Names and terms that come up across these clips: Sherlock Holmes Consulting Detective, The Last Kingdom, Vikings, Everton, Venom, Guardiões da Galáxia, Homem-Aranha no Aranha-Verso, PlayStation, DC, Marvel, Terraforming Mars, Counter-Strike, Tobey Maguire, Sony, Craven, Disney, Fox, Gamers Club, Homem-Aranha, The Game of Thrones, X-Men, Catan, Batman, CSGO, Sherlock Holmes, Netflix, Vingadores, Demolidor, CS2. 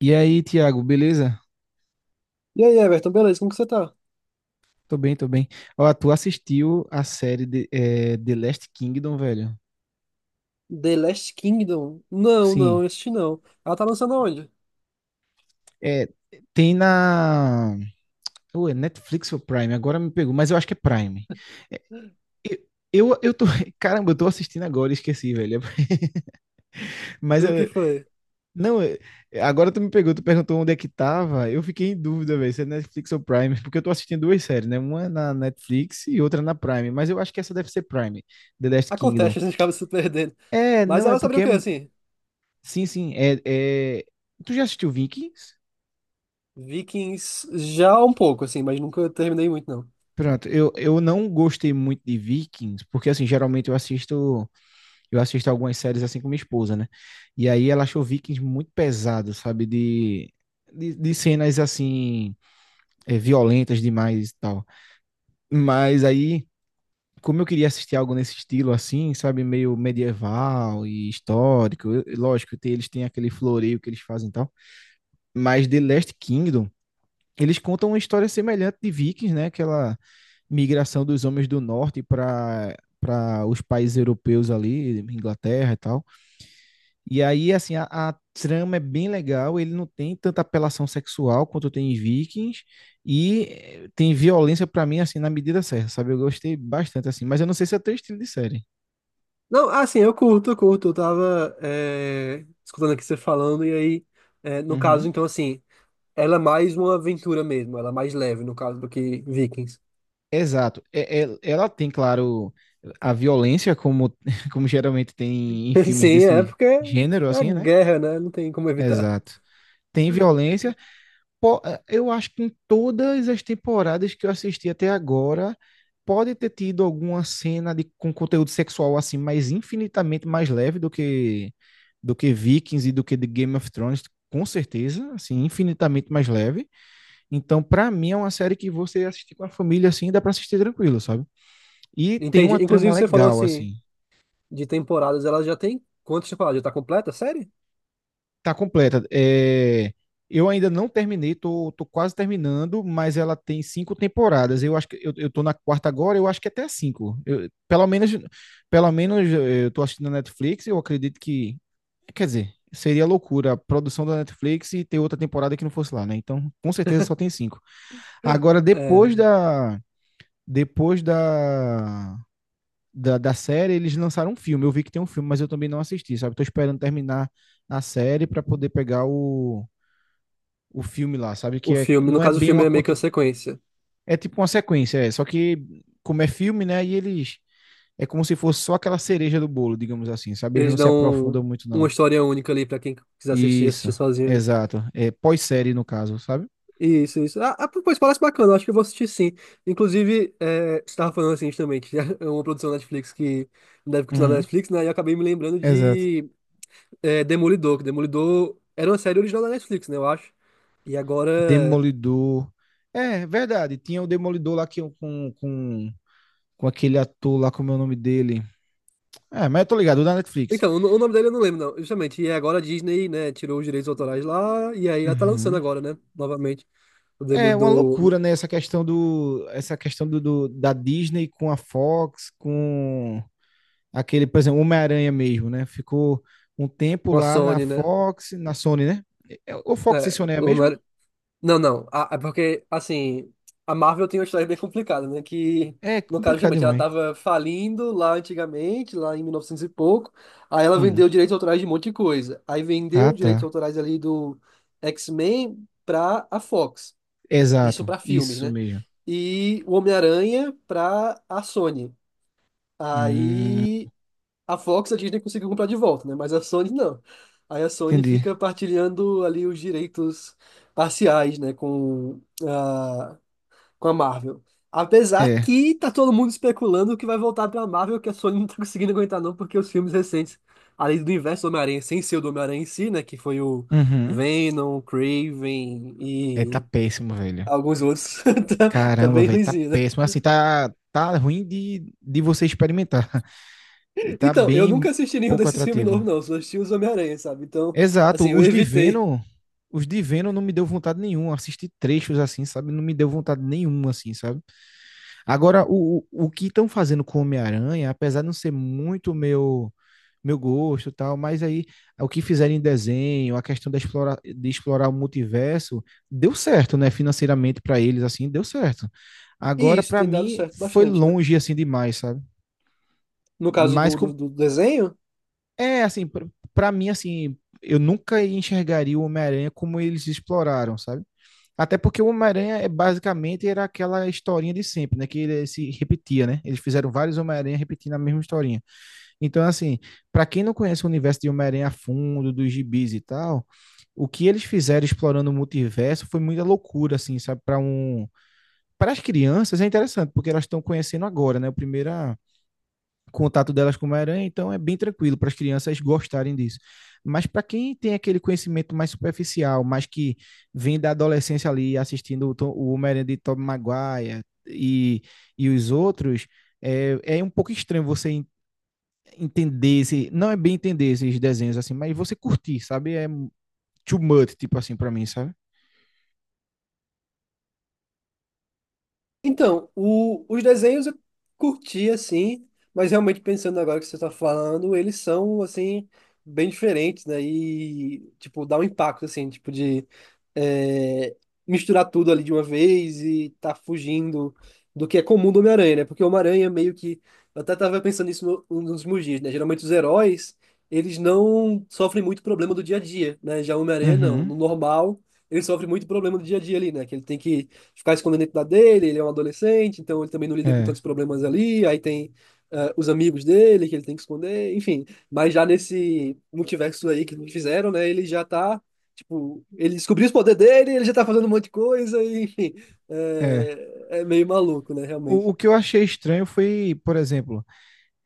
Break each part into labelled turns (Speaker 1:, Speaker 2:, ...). Speaker 1: E aí, Thiago, beleza?
Speaker 2: E aí, Everton, beleza? Como que você tá?
Speaker 1: Tô bem, tô bem. Ó, tu assistiu a série de, The Last Kingdom, velho?
Speaker 2: The Last Kingdom? Não,
Speaker 1: Sim.
Speaker 2: não, este não. Ela tá lançando onde?
Speaker 1: É, tem na. Ou é Netflix ou Prime? Agora me pegou, mas eu acho que é Prime. É, eu, eu tô. Caramba, eu tô assistindo agora, e esqueci, velho. Mas
Speaker 2: O que
Speaker 1: eu-
Speaker 2: foi?
Speaker 1: não, é, agora tu me pegou, tu perguntou onde é que tava. Eu fiquei em dúvida, velho, se é Netflix ou Prime, porque eu tô assistindo duas séries, né? Uma na Netflix e outra na Prime, mas eu acho que essa deve ser Prime, The Last Kingdom.
Speaker 2: Acontece, a gente acaba se perdendo.
Speaker 1: É,
Speaker 2: Mas
Speaker 1: não, é
Speaker 2: ela é sobre
Speaker 1: porque
Speaker 2: o
Speaker 1: é,
Speaker 2: quê, assim?
Speaker 1: sim, sim. É, é... Tu já assistiu Vikings?
Speaker 2: Vikings já um pouco, assim, mas nunca terminei muito, não.
Speaker 1: Pronto, eu não gostei muito de Vikings, porque assim, geralmente eu assisto algumas séries assim com minha esposa, né? E aí ela achou Vikings muito pesado, sabe? De, de cenas assim, é, violentas demais e tal. Mas aí, como eu queria assistir algo nesse estilo assim, sabe? Meio medieval e histórico, eu- lógico, tem- eles têm aquele floreio que eles fazem e tal. Mas The Last Kingdom. Eles contam uma história semelhante de Vikings, né? Aquela migração dos homens do norte para os países europeus ali, Inglaterra e tal. E aí, assim, a, trama é bem legal. Ele não tem tanta apelação sexual quanto tem em Vikings e tem violência para mim assim na medida certa, sabe? Eu gostei bastante assim, mas eu não sei se é teu estilo de série.
Speaker 2: Não, ah, sim, eu curto, eu curto. Eu tava escutando aqui você falando, e aí, no
Speaker 1: Uhum.
Speaker 2: caso, então, assim, ela é mais uma aventura mesmo, ela é mais leve, no caso, do que Vikings.
Speaker 1: Exato. É- é- ela tem, claro, a violência como como geralmente tem em filmes
Speaker 2: Sim, é
Speaker 1: desse
Speaker 2: porque
Speaker 1: gênero,
Speaker 2: é
Speaker 1: assim, né?
Speaker 2: guerra, né? Não tem como evitar.
Speaker 1: Exato. Tem violência. Po- Eu acho que em todas as temporadas que eu assisti até agora, pode ter tido alguma cena de, com conteúdo sexual assim, mas infinitamente mais leve do que Vikings e do que The Game of Thrones, com certeza, assim, infinitamente mais leve. Então, pra mim é uma série que você assistir com a família assim, dá pra assistir tranquilo, sabe? E tem
Speaker 2: Entendi.
Speaker 1: uma
Speaker 2: Inclusive,
Speaker 1: trama
Speaker 2: você falou
Speaker 1: legal
Speaker 2: assim.
Speaker 1: assim.
Speaker 2: De temporadas, ela já tem quantas temporadas? Já tá completa a série?
Speaker 1: Tá completa. É, eu ainda não terminei, tô, tô quase terminando, mas ela tem cinco temporadas. Eu acho que eu tô na quarta agora, eu acho que até a cinco. Eu- pelo menos eu tô assistindo na Netflix, eu acredito que, quer dizer, seria loucura a produção da Netflix e ter outra temporada que não fosse lá, né? Então, com certeza só tem cinco. Agora,
Speaker 2: É,
Speaker 1: depois da da série, eles lançaram um filme. Eu vi que tem um filme, mas eu também não assisti, sabe? Tô esperando terminar a série para poder pegar o filme lá, sabe?
Speaker 2: o
Speaker 1: Que é,
Speaker 2: filme, no
Speaker 1: não é
Speaker 2: caso o
Speaker 1: bem
Speaker 2: filme
Speaker 1: uma
Speaker 2: é meio que uma
Speaker 1: continu...
Speaker 2: sequência.
Speaker 1: É tipo uma sequência, é. Só que, como é filme, né? E eles. É como se fosse só aquela cereja do bolo, digamos assim, sabe? Eles
Speaker 2: Eles
Speaker 1: não se aprofundam
Speaker 2: dão
Speaker 1: muito,
Speaker 2: uma
Speaker 1: não.
Speaker 2: história única ali pra quem quiser assistir,
Speaker 1: Isso,
Speaker 2: assistir sozinho, né?
Speaker 1: exato. É pós-série, no caso, sabe?
Speaker 2: Isso, isso. Ah, ah, pois parece bacana, eu acho que eu vou assistir sim. Inclusive, você tava falando assim justamente, é uma produção da Netflix que deve continuar na
Speaker 1: Uhum,
Speaker 2: Netflix, né? E eu acabei me lembrando
Speaker 1: exato.
Speaker 2: de Demolidor, que Demolidor era uma série original da Netflix, né? Eu acho. E agora
Speaker 1: Demolidor. É, verdade. Tinha o Demolidor lá que, com aquele ator lá, como é o nome dele? É, mas eu tô ligado, o da Netflix.
Speaker 2: então, o nome dele eu não lembro, não. Justamente, e agora a Disney, né, tirou os direitos autorais lá, e aí ela tá lançando
Speaker 1: Uhum.
Speaker 2: agora, né, novamente, o
Speaker 1: É uma
Speaker 2: Demolidor
Speaker 1: loucura, né? Essa questão do, do- da Disney com a Fox, com aquele, por exemplo, Homem-Aranha mesmo, né? Ficou um tempo
Speaker 2: com a
Speaker 1: lá na
Speaker 2: Sony, né?
Speaker 1: Fox, na Sony, né? É, ou Fox e
Speaker 2: É,
Speaker 1: Sony é a
Speaker 2: o
Speaker 1: mesma?
Speaker 2: Não, não, é porque, assim, a Marvel tem uma história bem complicada, né, que,
Speaker 1: É
Speaker 2: no caso,
Speaker 1: complicado
Speaker 2: justamente, ela
Speaker 1: demais.
Speaker 2: tava falindo lá antigamente, lá em 1900 e novecentos e pouco, aí ela
Speaker 1: Hum.
Speaker 2: vendeu direitos autorais de um monte de coisa, aí
Speaker 1: Ah,
Speaker 2: vendeu direitos
Speaker 1: tá.
Speaker 2: autorais ali do X-Men pra a Fox. Isso
Speaker 1: Exato,
Speaker 2: para filmes,
Speaker 1: isso
Speaker 2: né?
Speaker 1: mesmo.
Speaker 2: E o Homem-Aranha para a Sony.
Speaker 1: Hum,
Speaker 2: Aí a Fox, a Disney conseguiu comprar de volta, né? Mas a Sony não. Aí a Sony
Speaker 1: entendi.
Speaker 2: fica partilhando ali os direitos parciais, né? Com a, com a Marvel. Apesar
Speaker 1: É.
Speaker 2: que tá todo mundo especulando que vai voltar pra Marvel, que a Sony não tá conseguindo aguentar não, porque os filmes recentes, além do universo do Homem-Aranha, sem ser o do Homem-Aranha em si, né? Que foi o
Speaker 1: Uhum.
Speaker 2: Venom,
Speaker 1: É, tá
Speaker 2: Craven,
Speaker 1: péssimo, velho.
Speaker 2: alguns outros. Tá, tá
Speaker 1: Caramba,
Speaker 2: bem
Speaker 1: velho, tá
Speaker 2: ruimzinho, né?
Speaker 1: péssimo. Assim, tá, tá ruim de você experimentar. Tá
Speaker 2: Então, eu
Speaker 1: bem
Speaker 2: nunca assisti nenhum
Speaker 1: pouco
Speaker 2: desses filmes
Speaker 1: atrativo.
Speaker 2: novos, não. Eu só assisti os Homem-Aranha, sabe? Então, assim,
Speaker 1: Exato,
Speaker 2: eu evitei.
Speaker 1: Os de Venom não me deu vontade nenhuma. Assistir trechos assim, sabe? Não me deu vontade nenhuma, assim, sabe? Agora, o que estão fazendo com o Homem-Aranha, apesar de não ser muito meu meu gosto e tal, mas aí o que fizeram em desenho, a questão da explora, de explorar o multiverso, deu certo, né? Financeiramente para eles, assim, deu certo.
Speaker 2: E
Speaker 1: Agora,
Speaker 2: isso
Speaker 1: para
Speaker 2: tem dado
Speaker 1: mim,
Speaker 2: certo
Speaker 1: foi
Speaker 2: bastante, né?
Speaker 1: longe assim demais, sabe?
Speaker 2: No caso
Speaker 1: Mas com-
Speaker 2: do desenho.
Speaker 1: é, assim, pra, pra mim, assim, eu nunca enxergaria o Homem-Aranha como eles exploraram, sabe? Até porque o Homem-Aranha é basicamente era aquela historinha de sempre, né? Que ele se repetia, né? Eles fizeram vários Homem-Aranha repetindo a mesma historinha. Então, assim, para quem não conhece o universo de Homem-Aranha a fundo, dos gibis e tal, o que eles fizeram explorando o multiverso foi muita loucura, assim, sabe? Para um, para as crianças é interessante, porque elas estão conhecendo agora, né? A primeira contato delas com uma aranha, então é bem tranquilo para as crianças gostarem disso. Mas para quem tem aquele conhecimento mais superficial, mas que vem da adolescência ali assistindo o, Tom, o Homem-Aranha de Tobey Maguire e os outros, é, é um pouco estranho você entender, esse, não é bem entender esses desenhos assim, mas você curtir, sabe? É too much, tipo assim, para mim, sabe?
Speaker 2: Então, o- os desenhos eu curti assim, mas realmente pensando agora que você está falando, eles são assim bem diferentes, né? E tipo dá um impacto assim, tipo de é, misturar tudo ali de uma vez e tá fugindo do que é comum do Homem-Aranha, né? Porque o Homem-Aranha meio que eu até tava pensando nisso nos últimos dias, né? Geralmente os heróis eles não sofrem muito problema do dia a dia, né? Já o Homem-Aranha não,
Speaker 1: Uhum.
Speaker 2: no normal ele sofre muito problema do dia a dia ali, né? Que ele tem que ficar escondendo a identidade dele, ele é um adolescente, então ele também não lida com
Speaker 1: É,
Speaker 2: tantos problemas ali, aí tem ah, os amigos dele que ele tem que esconder, enfim. Mas já nesse multiverso aí que me fizeram, né, ele já tá, tipo, ele descobriu os poderes dele, ele já tá fazendo um monte de coisa, e, enfim,
Speaker 1: é.
Speaker 2: é, é meio maluco, né, realmente.
Speaker 1: O que eu achei estranho foi, por exemplo,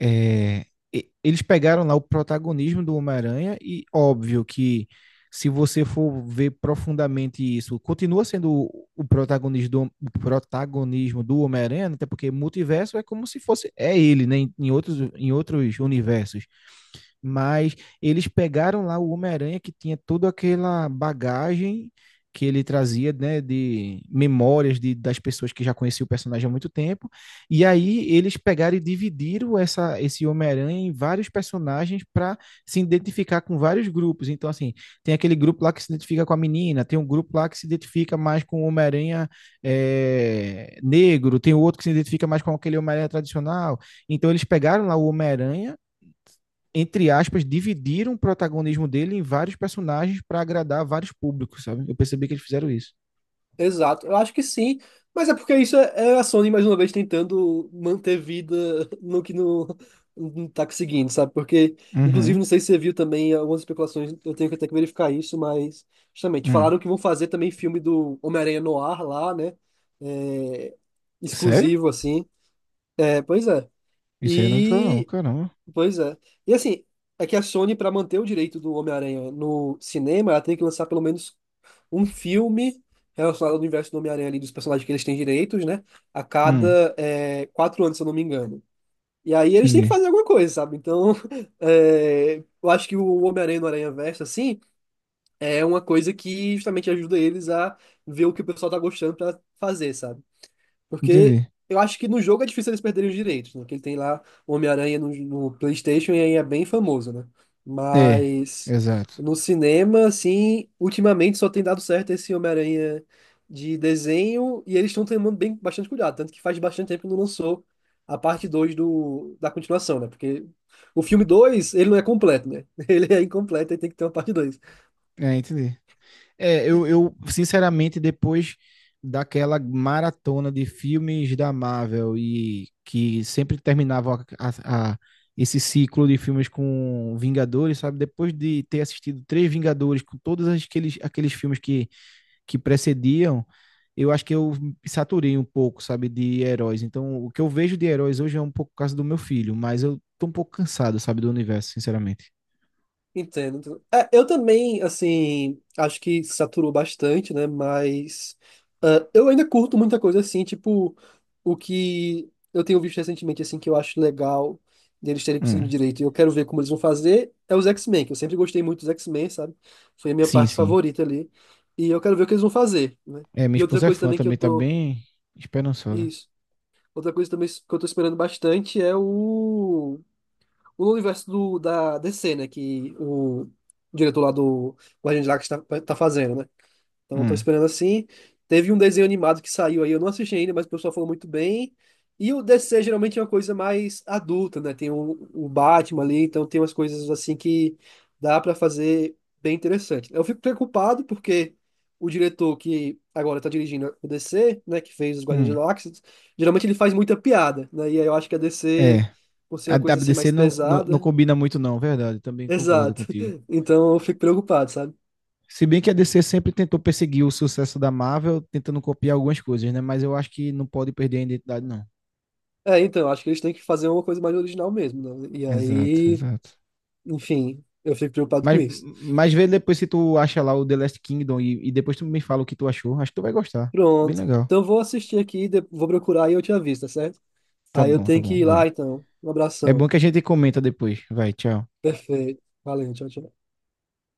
Speaker 1: é, e- eles pegaram lá o protagonismo do Homem-Aranha e óbvio que se você for ver profundamente isso, continua sendo o protagonismo do Homem-Aranha, né? Até porque multiverso é como se fosse é ele, né, em, em outros universos mas eles pegaram lá o Homem-Aranha que tinha toda aquela bagagem que ele trazia, né, de memórias de, das pessoas que já conheciam o personagem há muito tempo, e aí eles pegaram e dividiram essa, esse Homem-Aranha em vários personagens para se identificar com vários grupos. Então, assim, tem aquele grupo lá que se identifica com a menina, tem um grupo lá que se identifica mais com o Homem-Aranha é, negro, tem outro que se identifica mais com aquele Homem-Aranha tradicional. Então, eles pegaram lá o Homem-Aranha entre aspas, dividiram o protagonismo dele em vários personagens para agradar vários públicos, sabe? Eu percebi que eles fizeram isso.
Speaker 2: Exato, eu acho que sim, mas é porque isso é a Sony mais uma vez tentando manter vida no que não, não tá conseguindo, sabe? Porque, inclusive,
Speaker 1: Uhum.
Speaker 2: não sei se você viu também algumas especulações, eu tenho que até que verificar isso, mas justamente
Speaker 1: Hum.
Speaker 2: falaram que vão fazer também filme do Homem-Aranha no ar lá, né? É,
Speaker 1: Sério?
Speaker 2: exclusivo, assim. É, pois é.
Speaker 1: Isso aí eu não me falou, não,
Speaker 2: E,
Speaker 1: caramba.
Speaker 2: pois é. E assim, é que a Sony, para manter o direito do Homem-Aranha no cinema, ela tem que lançar pelo menos um filme relacionado ao universo do Homem-Aranha ali, dos personagens que eles têm direitos, né? A
Speaker 1: Hum,
Speaker 2: cada 4 anos, se eu não me engano. E aí eles têm que
Speaker 1: entendi.
Speaker 2: fazer alguma coisa, sabe? Então, é, eu acho que o Homem-Aranha no Aranha-Verso, assim, é uma coisa que justamente ajuda eles a ver o que o pessoal tá gostando pra fazer, sabe? Porque
Speaker 1: Entendi.
Speaker 2: eu acho que no jogo é difícil eles perderem os direitos, né? Que ele tem lá o Homem-Aranha no PlayStation e aí é bem famoso, né?
Speaker 1: É,
Speaker 2: Mas
Speaker 1: exato.
Speaker 2: no cinema, assim, ultimamente só tem dado certo esse Homem-Aranha de desenho e eles estão tomando bem, bastante cuidado. Tanto que faz bastante tempo que não lançou a parte 2 da continuação, né? Porque o filme 2 ele não é completo, né? Ele é incompleto e tem que ter uma parte 2.
Speaker 1: É, entendi. É, eu sinceramente, depois daquela maratona de filmes da Marvel e que sempre terminavam a- esse ciclo de filmes com Vingadores, sabe? Depois de ter assistido três Vingadores com todos aqueles, aqueles filmes que precediam, eu acho que eu saturei um pouco, sabe, de heróis. Então, o que eu vejo de heróis hoje é um pouco por causa do meu filho, mas eu tô um pouco cansado, sabe, do universo, sinceramente.
Speaker 2: Entendo, entendo. É, eu também, assim, acho que saturou bastante, né? Mas ah, eu ainda curto muita coisa assim, tipo, o que eu tenho visto recentemente, assim, que eu acho legal deles terem conseguido
Speaker 1: Hum.
Speaker 2: direito. E eu quero ver como eles vão fazer, é os X-Men, que eu sempre gostei muito dos X-Men, sabe? Foi a minha
Speaker 1: Sim,
Speaker 2: parte
Speaker 1: sim.
Speaker 2: favorita ali. E eu quero ver o que eles vão fazer, né?
Speaker 1: É, minha
Speaker 2: E outra
Speaker 1: esposa é
Speaker 2: coisa
Speaker 1: fã
Speaker 2: também que eu
Speaker 1: também, tá
Speaker 2: tô.
Speaker 1: bem esperançosa.
Speaker 2: Isso. Outra coisa também que eu tô esperando bastante é o universo do, da DC, né? Que o diretor lá do Guardiões da Galáxia tá, tá fazendo, né? Então, eu tô
Speaker 1: Hum.
Speaker 2: esperando assim. Teve um desenho animado que saiu aí, eu não assisti ainda, mas o pessoal falou muito bem. E o DC geralmente é uma coisa mais adulta, né? Tem o Batman ali, então tem umas coisas assim que dá pra fazer bem interessante. Eu fico preocupado porque o diretor que agora tá dirigindo o DC, né, que fez os Guardiões da
Speaker 1: Hum.
Speaker 2: Galáxia, geralmente ele faz muita piada, né? E aí eu acho que a DC,
Speaker 1: É.
Speaker 2: por ser
Speaker 1: A
Speaker 2: uma coisa assim
Speaker 1: DC
Speaker 2: mais
Speaker 1: não, não, não
Speaker 2: pesada,
Speaker 1: combina muito, não, verdade. Também concordo
Speaker 2: exato.
Speaker 1: contigo.
Speaker 2: Então eu fico preocupado, sabe?
Speaker 1: Se bem que a DC sempre tentou perseguir o sucesso da Marvel, tentando copiar algumas coisas, né? Mas eu acho que não pode perder a identidade, não.
Speaker 2: É, então, acho que eles têm que fazer uma coisa mais original mesmo, né? E
Speaker 1: Exato,
Speaker 2: aí,
Speaker 1: exato.
Speaker 2: enfim, eu fico preocupado com
Speaker 1: Mas,
Speaker 2: isso.
Speaker 1: mas vê depois se tu acha lá o The Last Kingdom e depois tu me fala o que tu achou. Acho que tu vai gostar. Bem
Speaker 2: Pronto.
Speaker 1: legal.
Speaker 2: Então vou assistir aqui, vou procurar e eu te aviso, tá certo? Aí eu
Speaker 1: Tá
Speaker 2: tenho que
Speaker 1: bom,
Speaker 2: ir lá,
Speaker 1: vai.
Speaker 2: então. Um
Speaker 1: É bom
Speaker 2: abração.
Speaker 1: que a gente comenta depois. Vai, tchau.
Speaker 2: Perfeito. Valeu, tchau, tchau.